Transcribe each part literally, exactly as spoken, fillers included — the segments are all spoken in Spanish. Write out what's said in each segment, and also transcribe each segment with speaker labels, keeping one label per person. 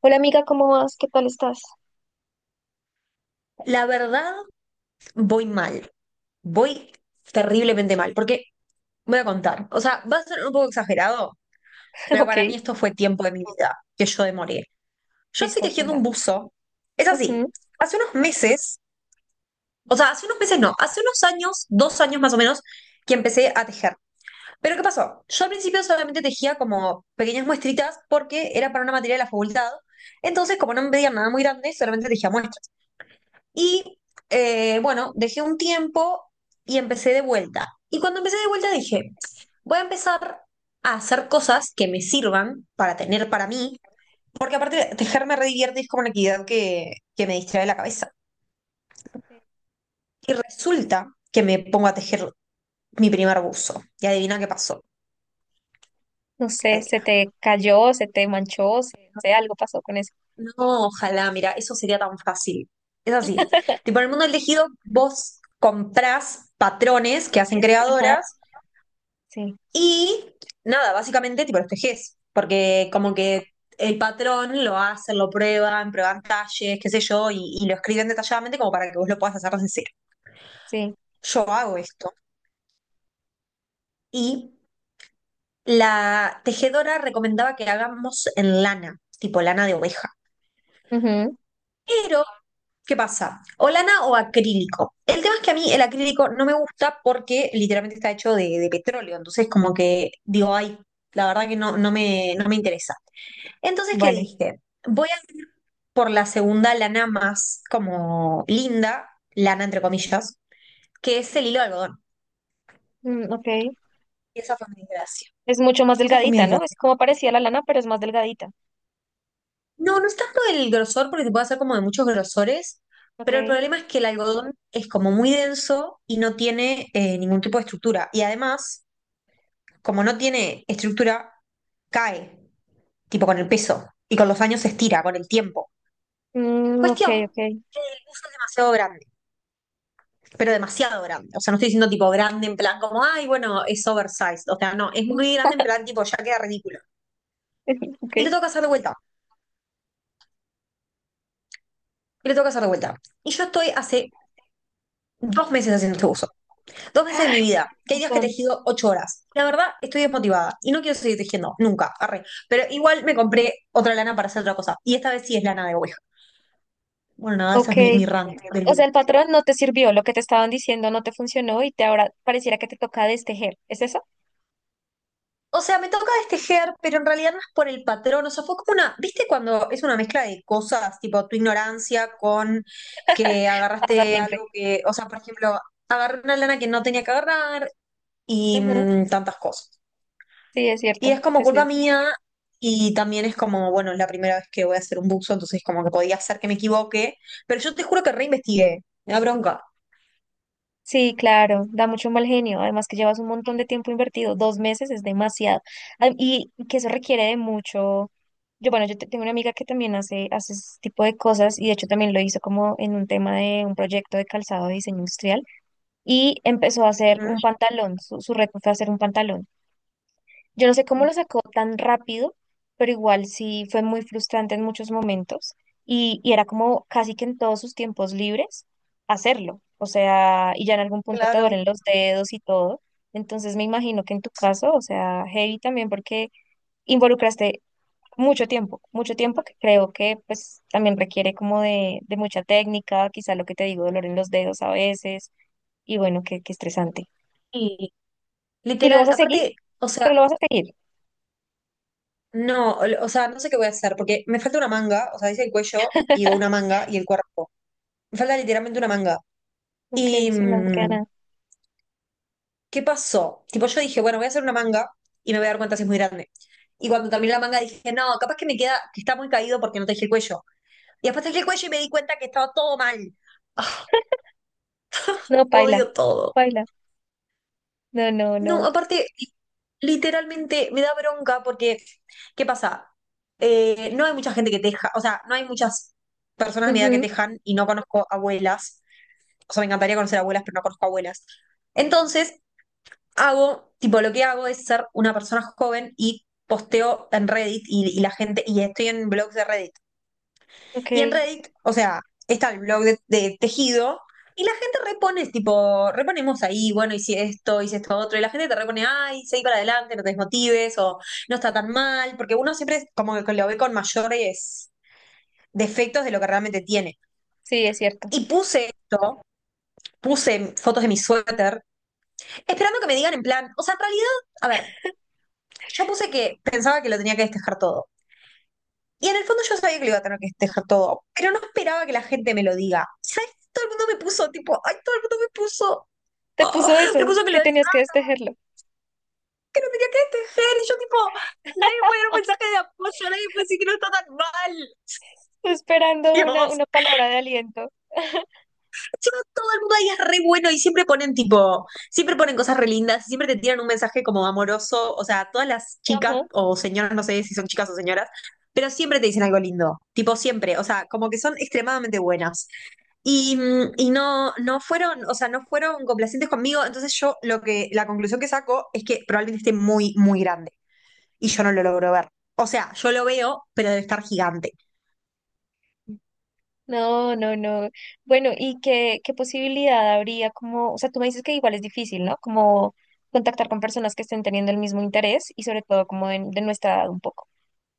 Speaker 1: Hola amiga, ¿cómo vas? ¿Qué tal estás?
Speaker 2: La verdad, voy mal. Voy terriblemente mal. Porque voy a contar. O sea, va a ser un poco exagerado, pero
Speaker 1: Ok,
Speaker 2: para mí esto fue tiempo de mi vida que yo demoré. Yo estoy
Speaker 1: listo,
Speaker 2: tejiendo un
Speaker 1: cuéntame.
Speaker 2: buzo. Es así.
Speaker 1: Ujú.
Speaker 2: Hace unos meses, o sea, hace unos meses no, hace unos años, dos años más o menos, que empecé a tejer. Pero ¿qué pasó? Yo al principio solamente tejía como pequeñas muestritas porque era para una materia de la facultad. Entonces, como no me pedían nada muy grande, solamente tejía muestras. Y eh, bueno, dejé un tiempo y empecé de vuelta. Y cuando empecé de vuelta dije, voy a empezar a hacer cosas que me sirvan para tener para mí, porque aparte tejer me redivierte y es como una actividad que, que me distrae la cabeza. Y resulta que me pongo a tejer mi primer buzo. Y adivina qué pasó.
Speaker 1: No sé, se
Speaker 2: Adivina.
Speaker 1: te cayó, se te manchó, se- no sé, algo pasó con eso.
Speaker 2: No, ojalá, mira, eso sería tan fácil. Es así. Tipo, en el mundo del tejido, vos comprás patrones que hacen
Speaker 1: Ajá,
Speaker 2: creadoras.
Speaker 1: sí,
Speaker 2: Y nada, básicamente te proteges, porque como que el patrón lo hacen, lo prueban, prueban talles, qué sé yo, y, y lo escriben detalladamente como para que vos lo puedas hacer desde cero.
Speaker 1: sí.
Speaker 2: Yo hago esto. Y la tejedora recomendaba que hagamos en lana, tipo lana de oveja.
Speaker 1: Ujú.
Speaker 2: Pero, ¿qué pasa? O lana o acrílico. El tema es que a mí el acrílico no me gusta porque literalmente está hecho de, de petróleo. Entonces, como que digo, ay, la verdad que no, no me, no me interesa. Entonces, ¿qué
Speaker 1: Vale.
Speaker 2: dije? Voy a por la segunda lana más como linda, lana entre comillas, que es el hilo de algodón.
Speaker 1: Mm, ok.
Speaker 2: Y esa fue mi desgracia.
Speaker 1: Es mucho más
Speaker 2: Esa fue mi
Speaker 1: delgadita, ¿no? Es
Speaker 2: desgracia.
Speaker 1: como parecía la lana, pero es más delgadita.
Speaker 2: No, no es tanto el grosor, porque se puede hacer como de muchos grosores, pero el
Speaker 1: Ok.
Speaker 2: problema es que el algodón es como muy denso y no tiene eh, ningún tipo de estructura. Y además, como no tiene estructura, cae, tipo con el peso, y con los años se estira, con el tiempo.
Speaker 1: Mm, ok,
Speaker 2: Cuestión
Speaker 1: ok.
Speaker 2: que el buzo es demasiado grande, pero demasiado grande. O sea, no estoy diciendo tipo grande en plan como, ay, bueno, es oversized. O sea, no, es muy grande en plan tipo, ya queda ridículo.
Speaker 1: Ok.
Speaker 2: Y le toca hacer de vuelta, y le toca hacer de vuelta. Y yo estoy hace dos meses haciendo este uso. Dos meses de mi vida. Que hay días que he
Speaker 1: Patrón,
Speaker 2: tejido ocho horas. La verdad, estoy desmotivada y no quiero seguir tejiendo, nunca, arre. Pero igual me compré otra lana para hacer otra cosa. Y esta vez sí es lana de oveja. Bueno, nada, esa
Speaker 1: Ok.
Speaker 2: es mi, mi rant del
Speaker 1: O sea,
Speaker 2: día.
Speaker 1: el patrón no te sirvió, lo que te estaban diciendo no te funcionó y te ahora pareciera que te toca destejer. ¿Es eso?
Speaker 2: O sea, me toca destejer, pero en realidad no es por el patrón. O sea, fue como una, ¿viste cuando es una mezcla de cosas, tipo tu ignorancia con que
Speaker 1: Pasa
Speaker 2: agarraste
Speaker 1: siempre.
Speaker 2: algo que, o sea, por ejemplo, agarré una lana que no tenía que agarrar y
Speaker 1: Ujú.
Speaker 2: mm, tantas cosas.
Speaker 1: Sí, es
Speaker 2: Y
Speaker 1: cierto,
Speaker 2: es como
Speaker 1: es
Speaker 2: culpa
Speaker 1: cierto.
Speaker 2: mía y también es como, bueno, es la primera vez que voy a hacer un buzo, entonces como que podía ser que me equivoque, pero yo te juro que reinvestigué, me da bronca.
Speaker 1: Sí, claro, da mucho mal genio. Además que llevas un montón de tiempo invertido, dos meses es demasiado. Ah, y que eso requiere de mucho. Yo, bueno, yo te- tengo una amiga que también hace, hace ese tipo de cosas y de hecho también lo hizo como en un tema de un proyecto de calzado de diseño industrial y empezó a hacer un pantalón. Su, su reto fue hacer un pantalón. Yo no sé cómo lo
Speaker 2: Ujú.
Speaker 1: sacó tan rápido, pero igual sí fue muy frustrante en muchos momentos y, y era como casi que en todos sus tiempos libres hacerlo. O sea, y ya en algún punto te
Speaker 2: Claro.
Speaker 1: duelen los dedos y todo. Entonces me imagino que en tu caso, o sea, heavy también porque involucraste mucho tiempo, mucho tiempo que creo que pues también requiere como de, de mucha técnica, quizá lo que te digo, dolor en los dedos a veces y bueno, qué, qué estresante.
Speaker 2: Y
Speaker 1: Y lo
Speaker 2: literal,
Speaker 1: vas a seguir,
Speaker 2: aparte, o sea,
Speaker 1: pero lo vas a seguir.
Speaker 2: no, o o sea, no sé qué voy a hacer, porque me falta una manga, o sea, dice el cuello y una manga y el cuerpo. Me falta literalmente una manga.
Speaker 1: Ok,
Speaker 2: Y,
Speaker 1: sí, no me queda
Speaker 2: mm,
Speaker 1: nada.
Speaker 2: ¿Qué pasó? Tipo, yo dije, bueno, voy a hacer una manga y me voy a dar cuenta si es muy grande. Y cuando terminé la manga dije, no, capaz que me queda, que está muy caído porque no tejí el cuello. Y después tejí el cuello y me di cuenta que estaba todo mal. Ah,
Speaker 1: No, paila,
Speaker 2: odio todo.
Speaker 1: paila. No, no,
Speaker 2: No,
Speaker 1: no.
Speaker 2: aparte, literalmente me da bronca porque, ¿qué pasa? Eh, no hay mucha gente que teja, o sea, no hay muchas personas de mi edad que
Speaker 1: Ujú,
Speaker 2: tejan y no conozco abuelas. O sea, me encantaría conocer abuelas, pero no conozco abuelas. Entonces, hago, tipo lo que hago es ser una persona joven y posteo en Reddit y, y la gente, y estoy en blogs de Reddit.
Speaker 1: ok,
Speaker 2: Y en Reddit, o sea, está el blog de, de tejido y la gente repone, tipo, reponemos ahí, bueno, hice esto, hice esto otro, y la gente te repone, ay, seguí para adelante, no te desmotives, o no está tan mal, porque uno siempre es como que lo ve con mayores defectos de lo que realmente tiene.
Speaker 1: sí, es cierto.
Speaker 2: Y puse esto, puse fotos de mi suéter, esperando que me digan en plan, o sea, en realidad, a ver, yo puse que pensaba que lo tenía que destejar todo. Y en el fondo yo sabía que lo iba a tener que destejar todo, pero no esperaba que la gente me lo diga. ¿Sabes? Todo el mundo me puso, tipo, ay, todo el mundo me puso,
Speaker 1: Te
Speaker 2: ah,
Speaker 1: puso
Speaker 2: me
Speaker 1: eso,
Speaker 2: puso que lo
Speaker 1: que
Speaker 2: des-
Speaker 1: tenías que destejerlo.
Speaker 2: que lo tenía que destejar. Y yo, tipo, nadie puede dar un mensaje de apoyo, nadie puede decir que no está tan mal.
Speaker 1: Esperando una,
Speaker 2: Dios.
Speaker 1: una palabra de aliento.
Speaker 2: Encima todo el mundo ahí es re bueno y siempre ponen tipo, siempre ponen cosas re lindas, siempre te tiran un mensaje como amoroso, o sea, todas las chicas
Speaker 1: Ajá.
Speaker 2: o señoras, no sé si son chicas o señoras, pero siempre te dicen algo lindo, tipo siempre, o sea, como que son extremadamente buenas. Y, mm, y no, no fueron, o sea, no fueron complacientes conmigo, entonces yo lo que, la conclusión que saco es que probablemente esté muy, muy grande y yo no lo logro ver. O sea, yo lo veo, pero debe estar gigante.
Speaker 1: No, no, no. Bueno, ¿y qué, qué posibilidad habría como, o sea, tú me dices que igual es difícil, ¿no? Como contactar con personas que estén teniendo el mismo interés y sobre todo como de, de nuestra edad un poco.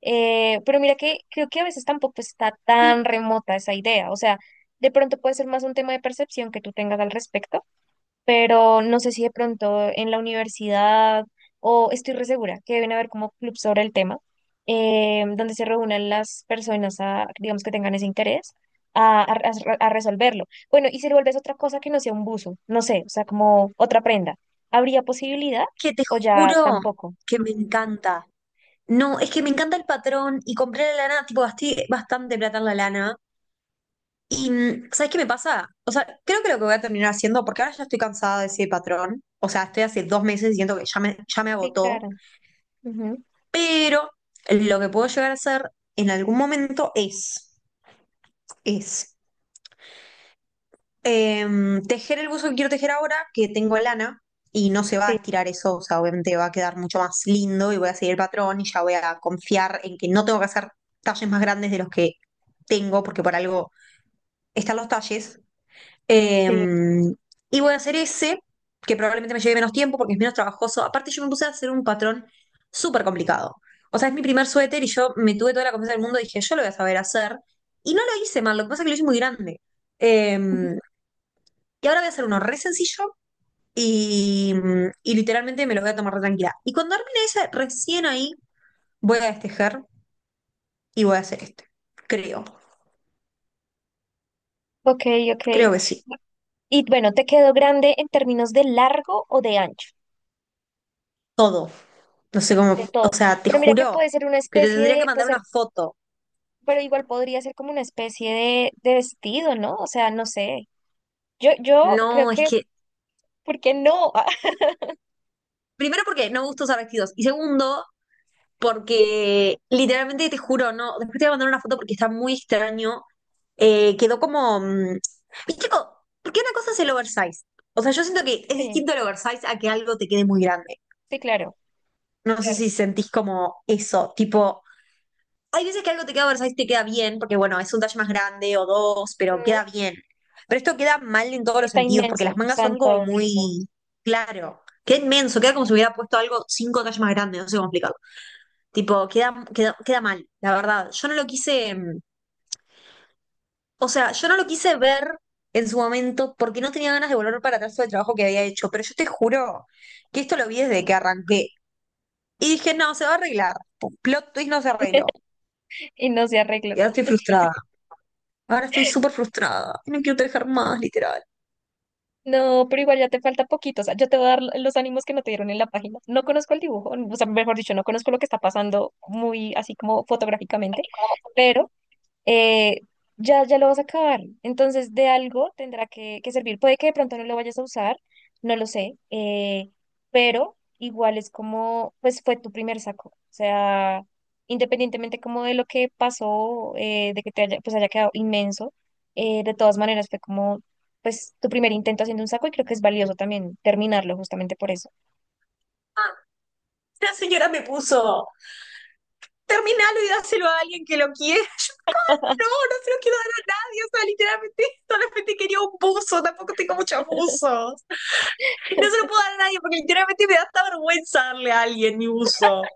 Speaker 1: Eh, pero mira que creo que a veces tampoco está tan
Speaker 2: Sí,
Speaker 1: remota esa idea, o sea, de pronto puede ser más un tema de percepción que tú tengas al respecto, pero no sé si de pronto en la universidad o estoy re segura que deben haber como clubs sobre el tema, eh, donde se reúnan las personas a, digamos que tengan ese interés. A, a- a- a resolverlo. Bueno, y si lo vuelves otra cosa que no sea un buzo, no sé, o sea, como otra prenda, ¿habría posibilidad
Speaker 2: que te
Speaker 1: o ya
Speaker 2: juro
Speaker 1: tampoco?
Speaker 2: que me encanta. No, es que me encanta el patrón y compré la lana, tipo, gasté bastante plata en la lana. Y, mm, ¿sabes qué me pasa? O sea, creo que lo que voy a terminar haciendo, porque ahora ya estoy cansada de ese patrón, o sea, estoy hace dos meses y siento que ya me, ya me
Speaker 1: Sí,
Speaker 2: agotó,
Speaker 1: claro. Ujú.
Speaker 2: pero lo que puedo llegar a hacer en algún momento es, es Em, tejer el buzo que quiero tejer ahora, que tengo lana, y no se va a
Speaker 1: Sí,
Speaker 2: estirar eso, o sea, obviamente va a quedar mucho más lindo y voy a seguir el patrón y ya voy a confiar en que no tengo que hacer talles más grandes de los que tengo, porque por algo están los talles.
Speaker 1: sí.
Speaker 2: Em, y voy a hacer ese, que probablemente me lleve menos tiempo porque es menos trabajoso. Aparte, yo me puse a hacer un patrón súper complicado. O sea, es mi primer suéter y yo me tuve toda la confianza del mundo dije, yo lo voy a saber hacer. Y no lo hice mal, lo que pasa es que lo hice muy grande.
Speaker 1: Ujú.
Speaker 2: Eh, y ahora voy a hacer uno re sencillo y, y literalmente me lo voy a tomar re tranquila. Y cuando termine ese, recién ahí voy a destejar y voy a hacer este. Creo,
Speaker 1: Ok, ok.
Speaker 2: creo que sí.
Speaker 1: Y bueno, ¿te quedó grande en términos de largo o de ancho?
Speaker 2: Todo. No sé cómo,
Speaker 1: De todo.
Speaker 2: o sea, te
Speaker 1: Pero mira que
Speaker 2: juro
Speaker 1: puede ser una
Speaker 2: que te
Speaker 1: especie
Speaker 2: tendría que
Speaker 1: de, pues
Speaker 2: mandar una foto.
Speaker 1: pero igual podría ser como una especie de, de vestido, ¿no? O sea, no sé. Yo, yo creo
Speaker 2: No, es
Speaker 1: que,
Speaker 2: que,
Speaker 1: ¿por qué no?
Speaker 2: primero porque no me gusta usar vestidos y segundo porque literalmente te juro, no, después te voy a mandar una foto porque está muy extraño. Eh, quedó como, mm, viste, co- porque una cosa es el oversize. O sea, yo siento que es
Speaker 1: Ah, sí,
Speaker 2: distinto el oversize a que algo te quede muy grande.
Speaker 1: sí, claro.
Speaker 2: No sé, claro, si sentís como eso, tipo, hay veces que algo te queda oversize y te queda bien, porque bueno, es un talle más grande o dos, pero
Speaker 1: Ujú.
Speaker 2: queda bien. Pero esto queda mal en todos los
Speaker 1: Está
Speaker 2: sentidos, porque
Speaker 1: inmenso,
Speaker 2: las mangas son
Speaker 1: santo,
Speaker 2: como muy, claro, queda inmenso, queda como si hubiera puesto algo cinco tallas más grande, no sé cómo explicarlo. Tipo, queda, queda, queda mal, la verdad. Yo no lo quise, mm, o sea, yo no lo quise ver en su momento porque no tenía ganas de volver para atrás sobre el trabajo que había hecho, pero yo te juro que esto lo vi desde que arranqué. Y dije, no, se va a arreglar. Pum, plot twist, no se arregló.
Speaker 1: y no se arregló.
Speaker 2: Y ahora estoy frustrada. Ahora estoy súper frustrada. No quiero trabajar más, literal.
Speaker 1: No, pero igual ya te falta poquito. O sea, yo te voy a dar los ánimos que no te dieron en la página. No conozco el dibujo, o sea, mejor dicho, no conozco lo que está pasando muy así como fotográficamente, pero eh, ya, ya lo vas a acabar. Entonces, de algo tendrá que, que servir. Puede que de pronto no lo vayas a usar, no lo sé, eh, pero igual es como, pues fue tu primer saco. O sea, independientemente como de lo que pasó, eh, de que te haya, pues haya quedado inmenso, eh, de todas maneras fue como, pues tu primer intento haciendo un saco y creo que es valioso también terminarlo justamente por eso.
Speaker 2: Ah, la señora me puso, terminalo y dáselo a alguien que lo quiera. No, no se lo quiero dar a nadie, o sea, literalmente solamente quería un buzo, tampoco tengo muchos buzos. No se lo puedo dar a nadie porque literalmente me da hasta vergüenza darle a alguien mi buzo.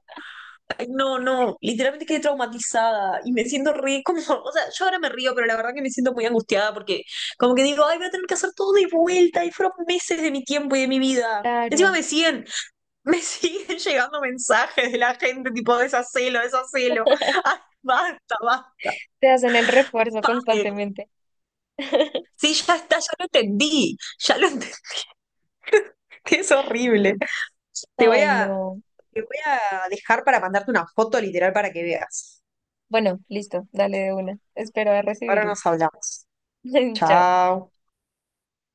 Speaker 2: Ay, no, no, literalmente quedé traumatizada y me siento re, como, o sea, yo ahora me río, pero la verdad que me siento muy angustiada porque como que digo, ay, voy a tener que hacer todo de vuelta y fueron meses de mi tiempo y de mi vida. Encima
Speaker 1: Claro,
Speaker 2: me siguen, me siguen llegando mensajes de la gente tipo, deshacelo, deshacelo. Ay, basta, basta,
Speaker 1: te hacen el refuerzo
Speaker 2: paren.
Speaker 1: constantemente.
Speaker 2: Sí, ya está, ya lo entendí, ya lo entendí, es horrible. Te voy
Speaker 1: Ay,
Speaker 2: a,
Speaker 1: no.
Speaker 2: te voy a dejar para mandarte una foto literal para que veas.
Speaker 1: Bueno, listo, dale de una. Espero a
Speaker 2: Ahora
Speaker 1: recibirlo.
Speaker 2: nos hablamos.
Speaker 1: Chao.
Speaker 2: Chao.